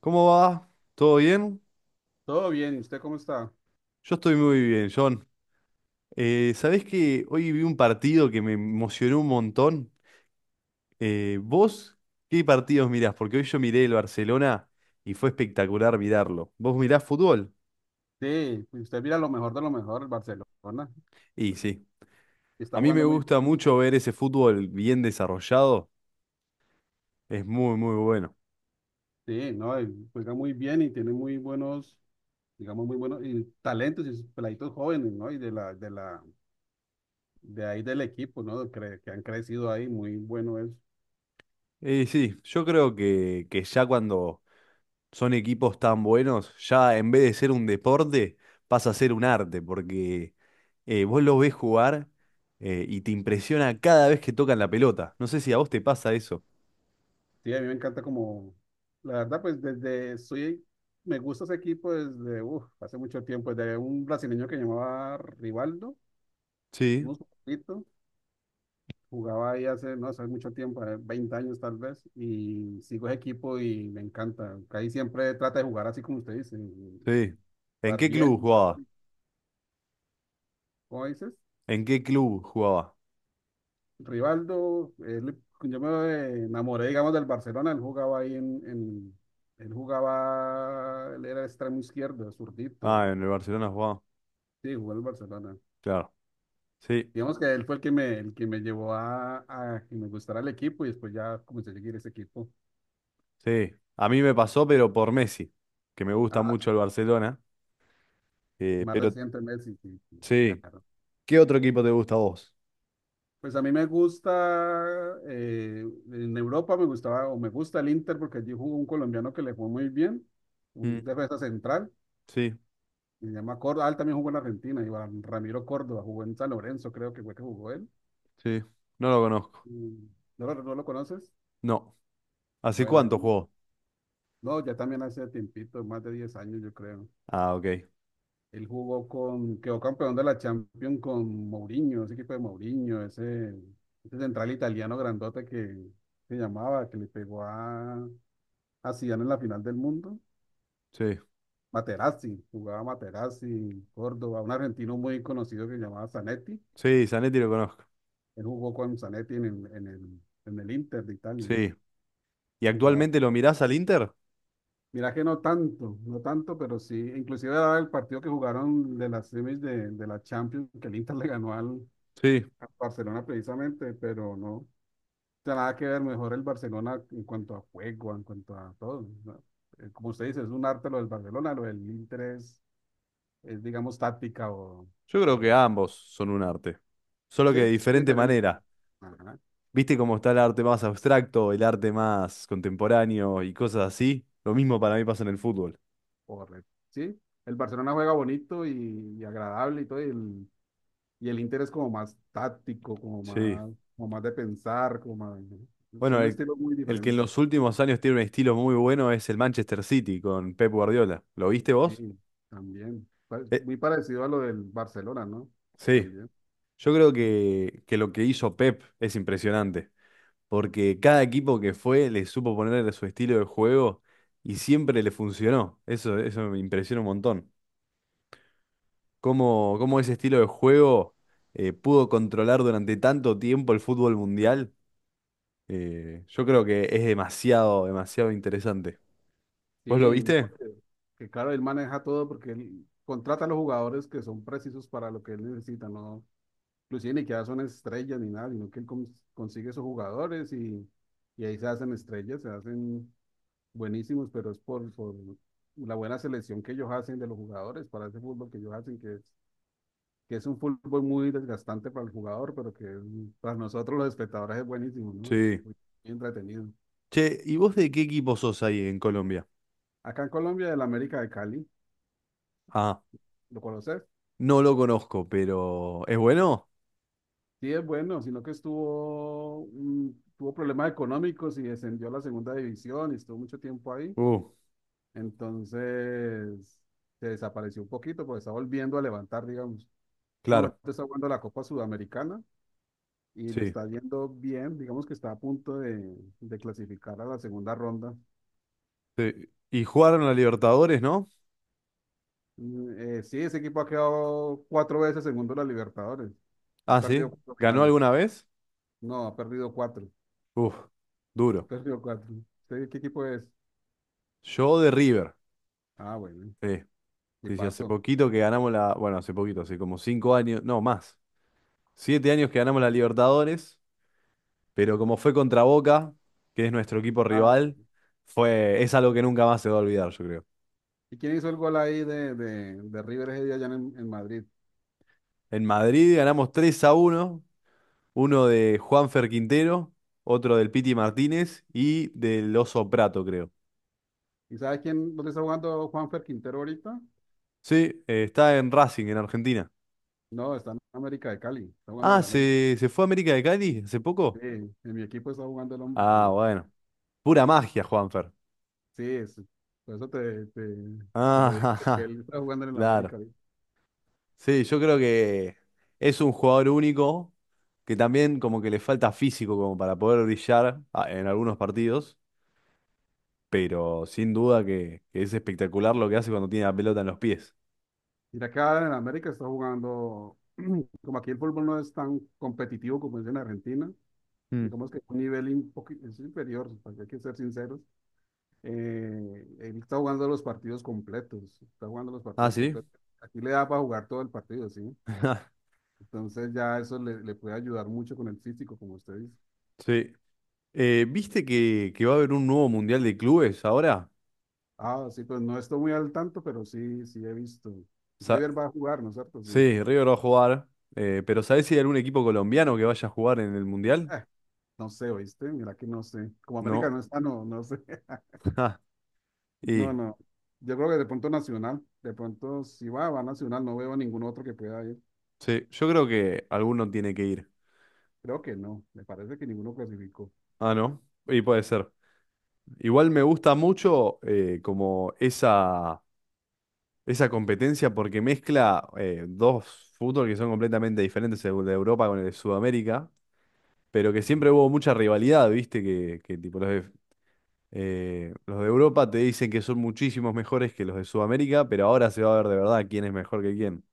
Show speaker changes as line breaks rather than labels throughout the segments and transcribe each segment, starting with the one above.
¿Cómo va? ¿Todo bien?
Todo bien, ¿y usted cómo está?
Yo estoy muy bien, John. ¿Sabés que hoy vi un partido que me emocionó un montón? ¿Vos qué partidos mirás? Porque hoy yo miré el Barcelona y fue espectacular mirarlo. ¿Vos mirás fútbol?
Sí, pues usted mira lo mejor de lo mejor, el Barcelona,
Y sí,
está
a mí me
jugando muy bien,
gusta mucho ver ese fútbol bien desarrollado. Es muy, muy bueno.
sí, ¿no? Y Juega muy bien y tiene muy buenos, digamos, muy buenos y talentos y sus peladitos jóvenes, ¿no? Y de la de ahí del equipo, ¿no? Que han crecido ahí, muy bueno es.
Y sí, yo creo que ya cuando son equipos tan buenos, ya en vez de ser un deporte, pasa a ser un arte, porque vos los ves jugar, y te impresiona cada vez que tocan la pelota. No sé si a vos te pasa eso.
Sí, a mí me encanta como, la verdad, pues desde, soy, me gusta ese equipo desde, uf, hace mucho tiempo, desde un brasileño que llamaba Rivaldo,
Sí,
unos jugaba ahí hace, no sé, mucho tiempo, 20 años tal vez, y sigo ese equipo y me encanta. Ahí siempre trata de jugar así como usted dice,
sí. ¿En
jugar
qué
bien,
club
jugar
jugaba?
bonito. ¿Cómo dices?
¿En qué club jugaba?
Rivaldo, yo me enamoré, digamos, del Barcelona, él jugaba ahí en, él jugaba, él era extremo izquierdo,
Ah,
zurdito,
en el Barcelona jugaba.
sí, jugó en el Barcelona.
Claro. Sí,
Digamos que él fue el que me llevó a que me gustara el equipo y después ya comencé a seguir ese equipo.
sí. A mí me pasó, pero por Messi, que me gusta
Ah,
mucho el Barcelona.
más
Pero
reciente Messi, sí, sí,
sí.
claro.
¿Qué otro equipo te gusta a vos?
Pues a mí me gusta, en Europa me gustaba o me gusta el Inter porque allí jugó un colombiano que le fue muy bien,
Mm,
un defensa central,
sí,
se llama Córdoba, ah, él también jugó en Argentina, Iván Ramiro Córdoba, jugó en San Lorenzo, creo que fue que jugó él.
sí. No lo conozco.
Y- ¿no lo conoces?
No. ¿Hace
Bueno,
cuánto jugó?
no, ya también hace tiempito, más de 10 años yo creo.
Ah, ok.
Él jugó con, quedó campeón de la Champions con Mourinho, ese equipo de Mourinho, ese central italiano grandote que se llamaba, que le pegó a Zidane en la final del mundo.
Sí.
Materazzi, jugaba Materazzi, Córdoba, un argentino muy conocido que se llamaba Zanetti.
Sí, Zanetti lo conozco.
Él jugó con Zanetti en el Inter de Italia.
Sí. ¿Y
Jugaba.
actualmente lo mirás al Inter?
Mira que no tanto, no tanto, pero sí. Inclusive era el partido que jugaron de las semis de la Champions, que el Inter le ganó al,
Sí.
al Barcelona precisamente, pero no tiene nada que ver, mejor el Barcelona en cuanto a juego, en cuanto a todo, ¿no? Como usted dice, es un arte lo del Barcelona, lo del Inter es, digamos, táctica,
Yo creo
o
que ambos son un arte. Solo
sí,
que de
son
diferente
diferentes.
manera.
Ajá,
¿Viste cómo está el arte más abstracto, el arte más contemporáneo y cosas así? Lo mismo para mí pasa en el fútbol.
correcto. Sí, el Barcelona juega bonito y agradable y todo, y el Inter es como más táctico,
Sí.
como más de pensar, como más, ¿no?
Bueno,
Son de estilos muy
el que en
diferentes.
los últimos años tiene un estilo muy bueno es el Manchester City con Pep Guardiola. ¿Lo viste vos?
Sí, también.
Eh,
Muy parecido a lo del Barcelona, ¿no?
sí.
También.
Yo creo que lo que hizo Pep es impresionante. Porque cada equipo que fue le supo ponerle su estilo de juego y siempre le funcionó. Eso me impresiona un montón. Cómo ese estilo de juego pudo controlar durante tanto tiempo el fútbol mundial. Yo creo que es demasiado, demasiado interesante. ¿Vos lo
Sí, no,
viste?
que claro, él maneja todo porque él contrata a los jugadores que son precisos para lo que él necesita, ¿no? Inclusive ni que ya son estrellas ni nada, sino que él consigue esos jugadores y ahí se hacen estrellas, se hacen buenísimos, pero es por la buena selección que ellos hacen de los jugadores para ese fútbol que ellos hacen, que es un fútbol muy desgastante para el jugador, pero para nosotros los espectadores es buenísimo, ¿no?
Sí.
Muy entretenido.
Che, ¿y vos de qué equipo sos ahí en Colombia?
Acá en Colombia, el América de Cali,
Ah,
¿lo conoces?
no lo conozco, pero ¿es bueno?
Sí, es bueno, sino que estuvo, tuvo problemas económicos y descendió a la segunda división y estuvo mucho tiempo ahí.
Uh,
Entonces se desapareció un poquito, pues está volviendo a levantar, digamos. En este momento
claro,
está jugando la Copa Sudamericana y le
sí.
está yendo bien, digamos que está a punto de clasificar a la segunda ronda.
Sí. Y jugaron a Libertadores, ¿no?
Sí, ese equipo ha quedado cuatro veces segundo en la Libertadores. Ha
Ah,
perdido
sí.
cuatro
¿Ganó
finales.
alguna vez?
No, ha perdido cuatro.
Uf,
Ha
duro.
perdido cuatro. ¿Usted qué equipo es?
Yo de River.
Ah, bueno,
Sí,
y
sí, sí, hace
pasó.
poquito que ganamos la. Bueno, hace poquito, hace como 5 años. No, más. 7 años que ganamos la Libertadores. Pero como fue contra Boca, que es nuestro equipo
Ah, sí.
rival, fue, es algo que nunca más se va a olvidar, yo creo.
¿Y quién hizo el gol ahí de River ese día allá en Madrid?
En Madrid ganamos 3-1. Uno de Juanfer Quintero, otro del Piti Martínez y del Oso Prato, creo.
¿Y sabes quién, dónde está jugando Juanfer Quintero ahorita?
Sí, está en Racing, en Argentina.
No, está en América de Cali, está jugando en
Ah,
el América.
¿se, se fue a América de Cali hace
Sí,
poco?
en mi equipo está jugando el hombre,
Ah,
sí.
bueno. Pura magia, Juanfer.
Sí, es, por eso te te lo digo,
Ah,
que
ajá,
él está jugando en el
claro.
América ahorita.
Sí, yo creo que es un jugador único que también como que le falta físico como para poder brillar, ah, en algunos partidos, pero sin duda que es espectacular lo que hace cuando tiene la pelota en los pies.
Mira, acá en el América está jugando, como aquí el fútbol no es tan competitivo como es en Argentina, y
Mm.
como es que un nivel un es inferior, porque hay que ser sinceros. Él está jugando los partidos completos, está jugando los
Ah,
partidos
sí.
completos. Aquí le da para jugar todo el partido, ¿sí? Entonces ya eso le, le puede ayudar mucho con el físico, como usted dice.
Sí. ¿Viste que va a haber un nuevo Mundial de Clubes ahora?
Ah, sí, pues no estoy muy al tanto, pero sí, sí he visto.
Sa-
River va a jugar, ¿no es cierto? Sí.
sí, River va a jugar, pero ¿sabés si hay algún equipo colombiano que vaya a jugar en el Mundial?
Eh, no sé, ¿oíste? Mira que no sé. Como América
No.
no está, no, no sé.
Ah,
No,
y
no. Yo creo que de pronto Nacional, de pronto si va, va Nacional, no veo ningún otro que pueda ir.
sí, yo creo que alguno tiene que ir.
Creo que no, me parece que ninguno clasificó.
Ah, ¿no? Y puede ser. Igual me gusta mucho, como esa competencia porque mezcla, dos fútbol que son completamente diferentes, el de Europa con el de Sudamérica, pero que
Ujú.
siempre hubo mucha rivalidad, ¿viste? Que tipo los de Europa te dicen que son muchísimos mejores que los de Sudamérica, pero ahora se va a ver de verdad quién es mejor que quién.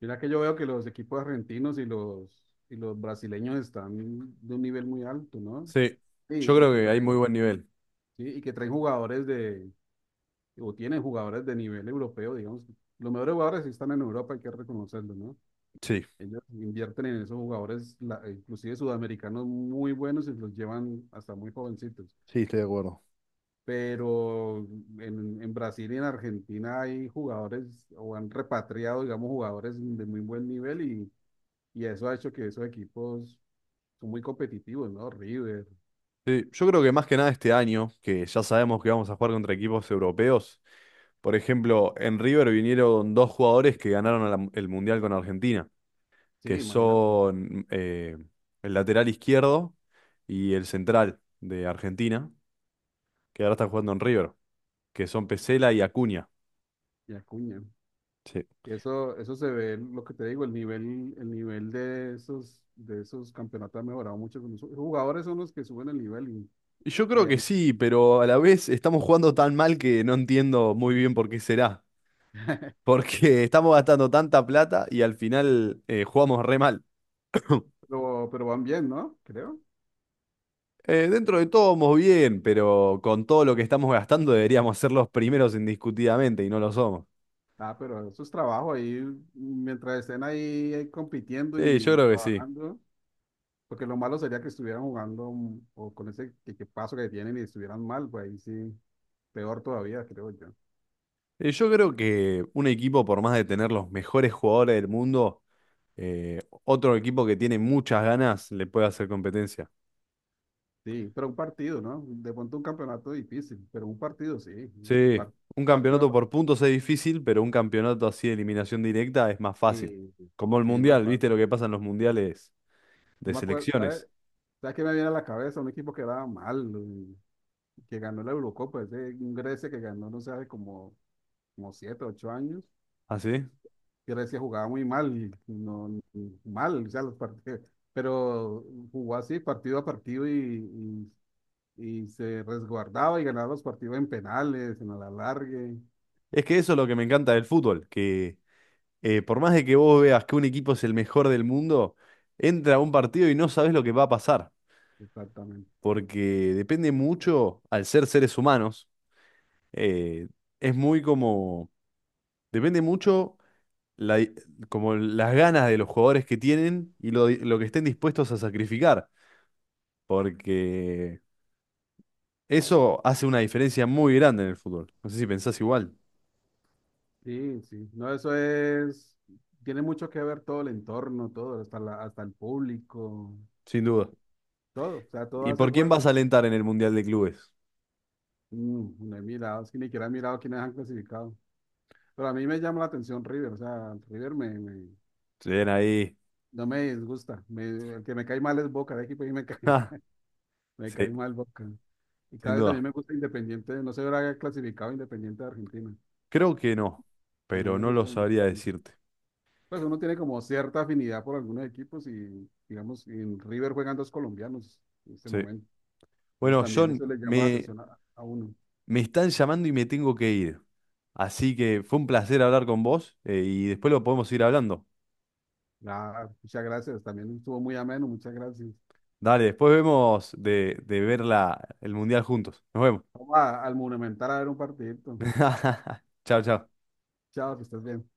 Mira que yo veo que los equipos argentinos y los brasileños están de un nivel muy alto, ¿no?
Sí,
Sí,
yo
y
creo
que
que hay
traen,
muy buen nivel.
sí, y que traen jugadores de, o tiene jugadores de nivel europeo, digamos. Los mejores jugadores sí están en Europa, hay que reconocerlo, ¿no?
Sí.
Ellos invierten en esos jugadores, inclusive sudamericanos muy buenos y los llevan hasta muy jovencitos.
Sí, estoy de acuerdo.
Pero en Brasil y en Argentina hay jugadores o han repatriado, digamos, jugadores de muy buen nivel y eso ha hecho que esos equipos son muy competitivos, ¿no? River,
Sí, yo creo que más que nada este año, que ya sabemos que vamos a jugar contra equipos europeos. Por ejemplo, en River vinieron dos jugadores que ganaron el Mundial con Argentina,
sí,
que
imagínate,
son, el lateral izquierdo y el central de Argentina, que ahora están jugando en River, que son Pesela y Acuña.
y Acuña.
Sí.
Y eso se ve, lo que te digo, el nivel de esos campeonatos ha mejorado mucho. Los jugadores son los que suben el nivel
Y yo
y
creo
ya,
que sí, pero a la vez estamos jugando tan mal que no entiendo muy bien por qué será. Porque estamos gastando tanta plata y al final, jugamos re mal.
pero van bien, ¿no? Creo.
Dentro de todo vamos bien, pero con todo lo que estamos gastando deberíamos ser los primeros indiscutidamente y no lo somos.
Ah, pero eso es trabajo ahí, mientras estén ahí, ahí compitiendo
Sí, yo
y
creo que sí.
trabajando, porque lo malo sería que estuvieran jugando, o con ese equipazo que tienen y estuvieran mal, pues ahí sí, peor todavía, creo yo.
Yo creo que un equipo, por más de tener los mejores jugadores del mundo, otro equipo que tiene muchas ganas le puede hacer competencia.
Sí, pero un partido, ¿no? De pronto un campeonato difícil, pero un partido sí, es un
Sí, un
partido.
campeonato por puntos es difícil, pero un campeonato así de eliminación directa es más fácil.
Sí, sí,
Como el
sí, no
mundial, ¿viste
fácil.
lo que pasa en los mundiales
Yo
de
me acuerdo, ¿sabes?
selecciones?
¿Sabes qué me viene a la cabeza? Un equipo que era mal, que ganó la Eurocopa, ese un Grecia que ganó, no sé, hace como, como 7, 8 años.
¿Así?
Grecia jugaba muy mal, y no, mal, o sea, los partidos, pero jugó así partido a partido y se resguardaba y ganaba los partidos en penales, en la largue
Es que eso es lo que me encanta del fútbol, que por más de que vos veas que un equipo es el mejor del mundo, entra a un partido y no sabes lo que va a pasar,
exactamente.
porque depende mucho, al ser seres humanos, eh, es muy como, depende mucho la di- como las ganas de los jugadores que tienen y lo que estén dispuestos a sacrificar, porque eso hace una diferencia muy grande en el fútbol. No sé si pensás igual,
Sí, sí, no, eso es, tiene mucho que ver todo el entorno, todo, hasta la, hasta el público.
sin duda.
Todo, o sea, todo
¿Y
hace
por quién
fuerza.
vas a alentar en el Mundial de Clubes?
Mm, no he mirado, es que ni siquiera he mirado quiénes han clasificado. Pero a mí me llama la atención River, o sea, River
Se ven ahí.
no me disgusta. El que me cae mal es Boca, el equipo ahí me cae,
Ja,
me
sí,
cae mal Boca. Y
sin
cada vez también
duda.
me gusta Independiente, no se habrá clasificado Independiente de Argentina.
Creo que no,
También
pero
me
no
gusta
lo sabría
Independiente.
decirte.
Pues uno tiene como cierta afinidad por algunos equipos y, digamos, en River juegan dos colombianos en este
Sí.
momento. Entonces
Bueno,
también
John,
eso le llama la
me,
atención a uno.
me están llamando y me tengo que ir. Así que fue un placer hablar con vos, y después lo podemos ir hablando.
Nada, muchas gracias, también estuvo muy ameno, muchas gracias.
Dale, después vemos de ver la, el mundial juntos. Nos vemos.
Al Monumental a ver un partidito.
Chao, chao.
Chao, que estés bien.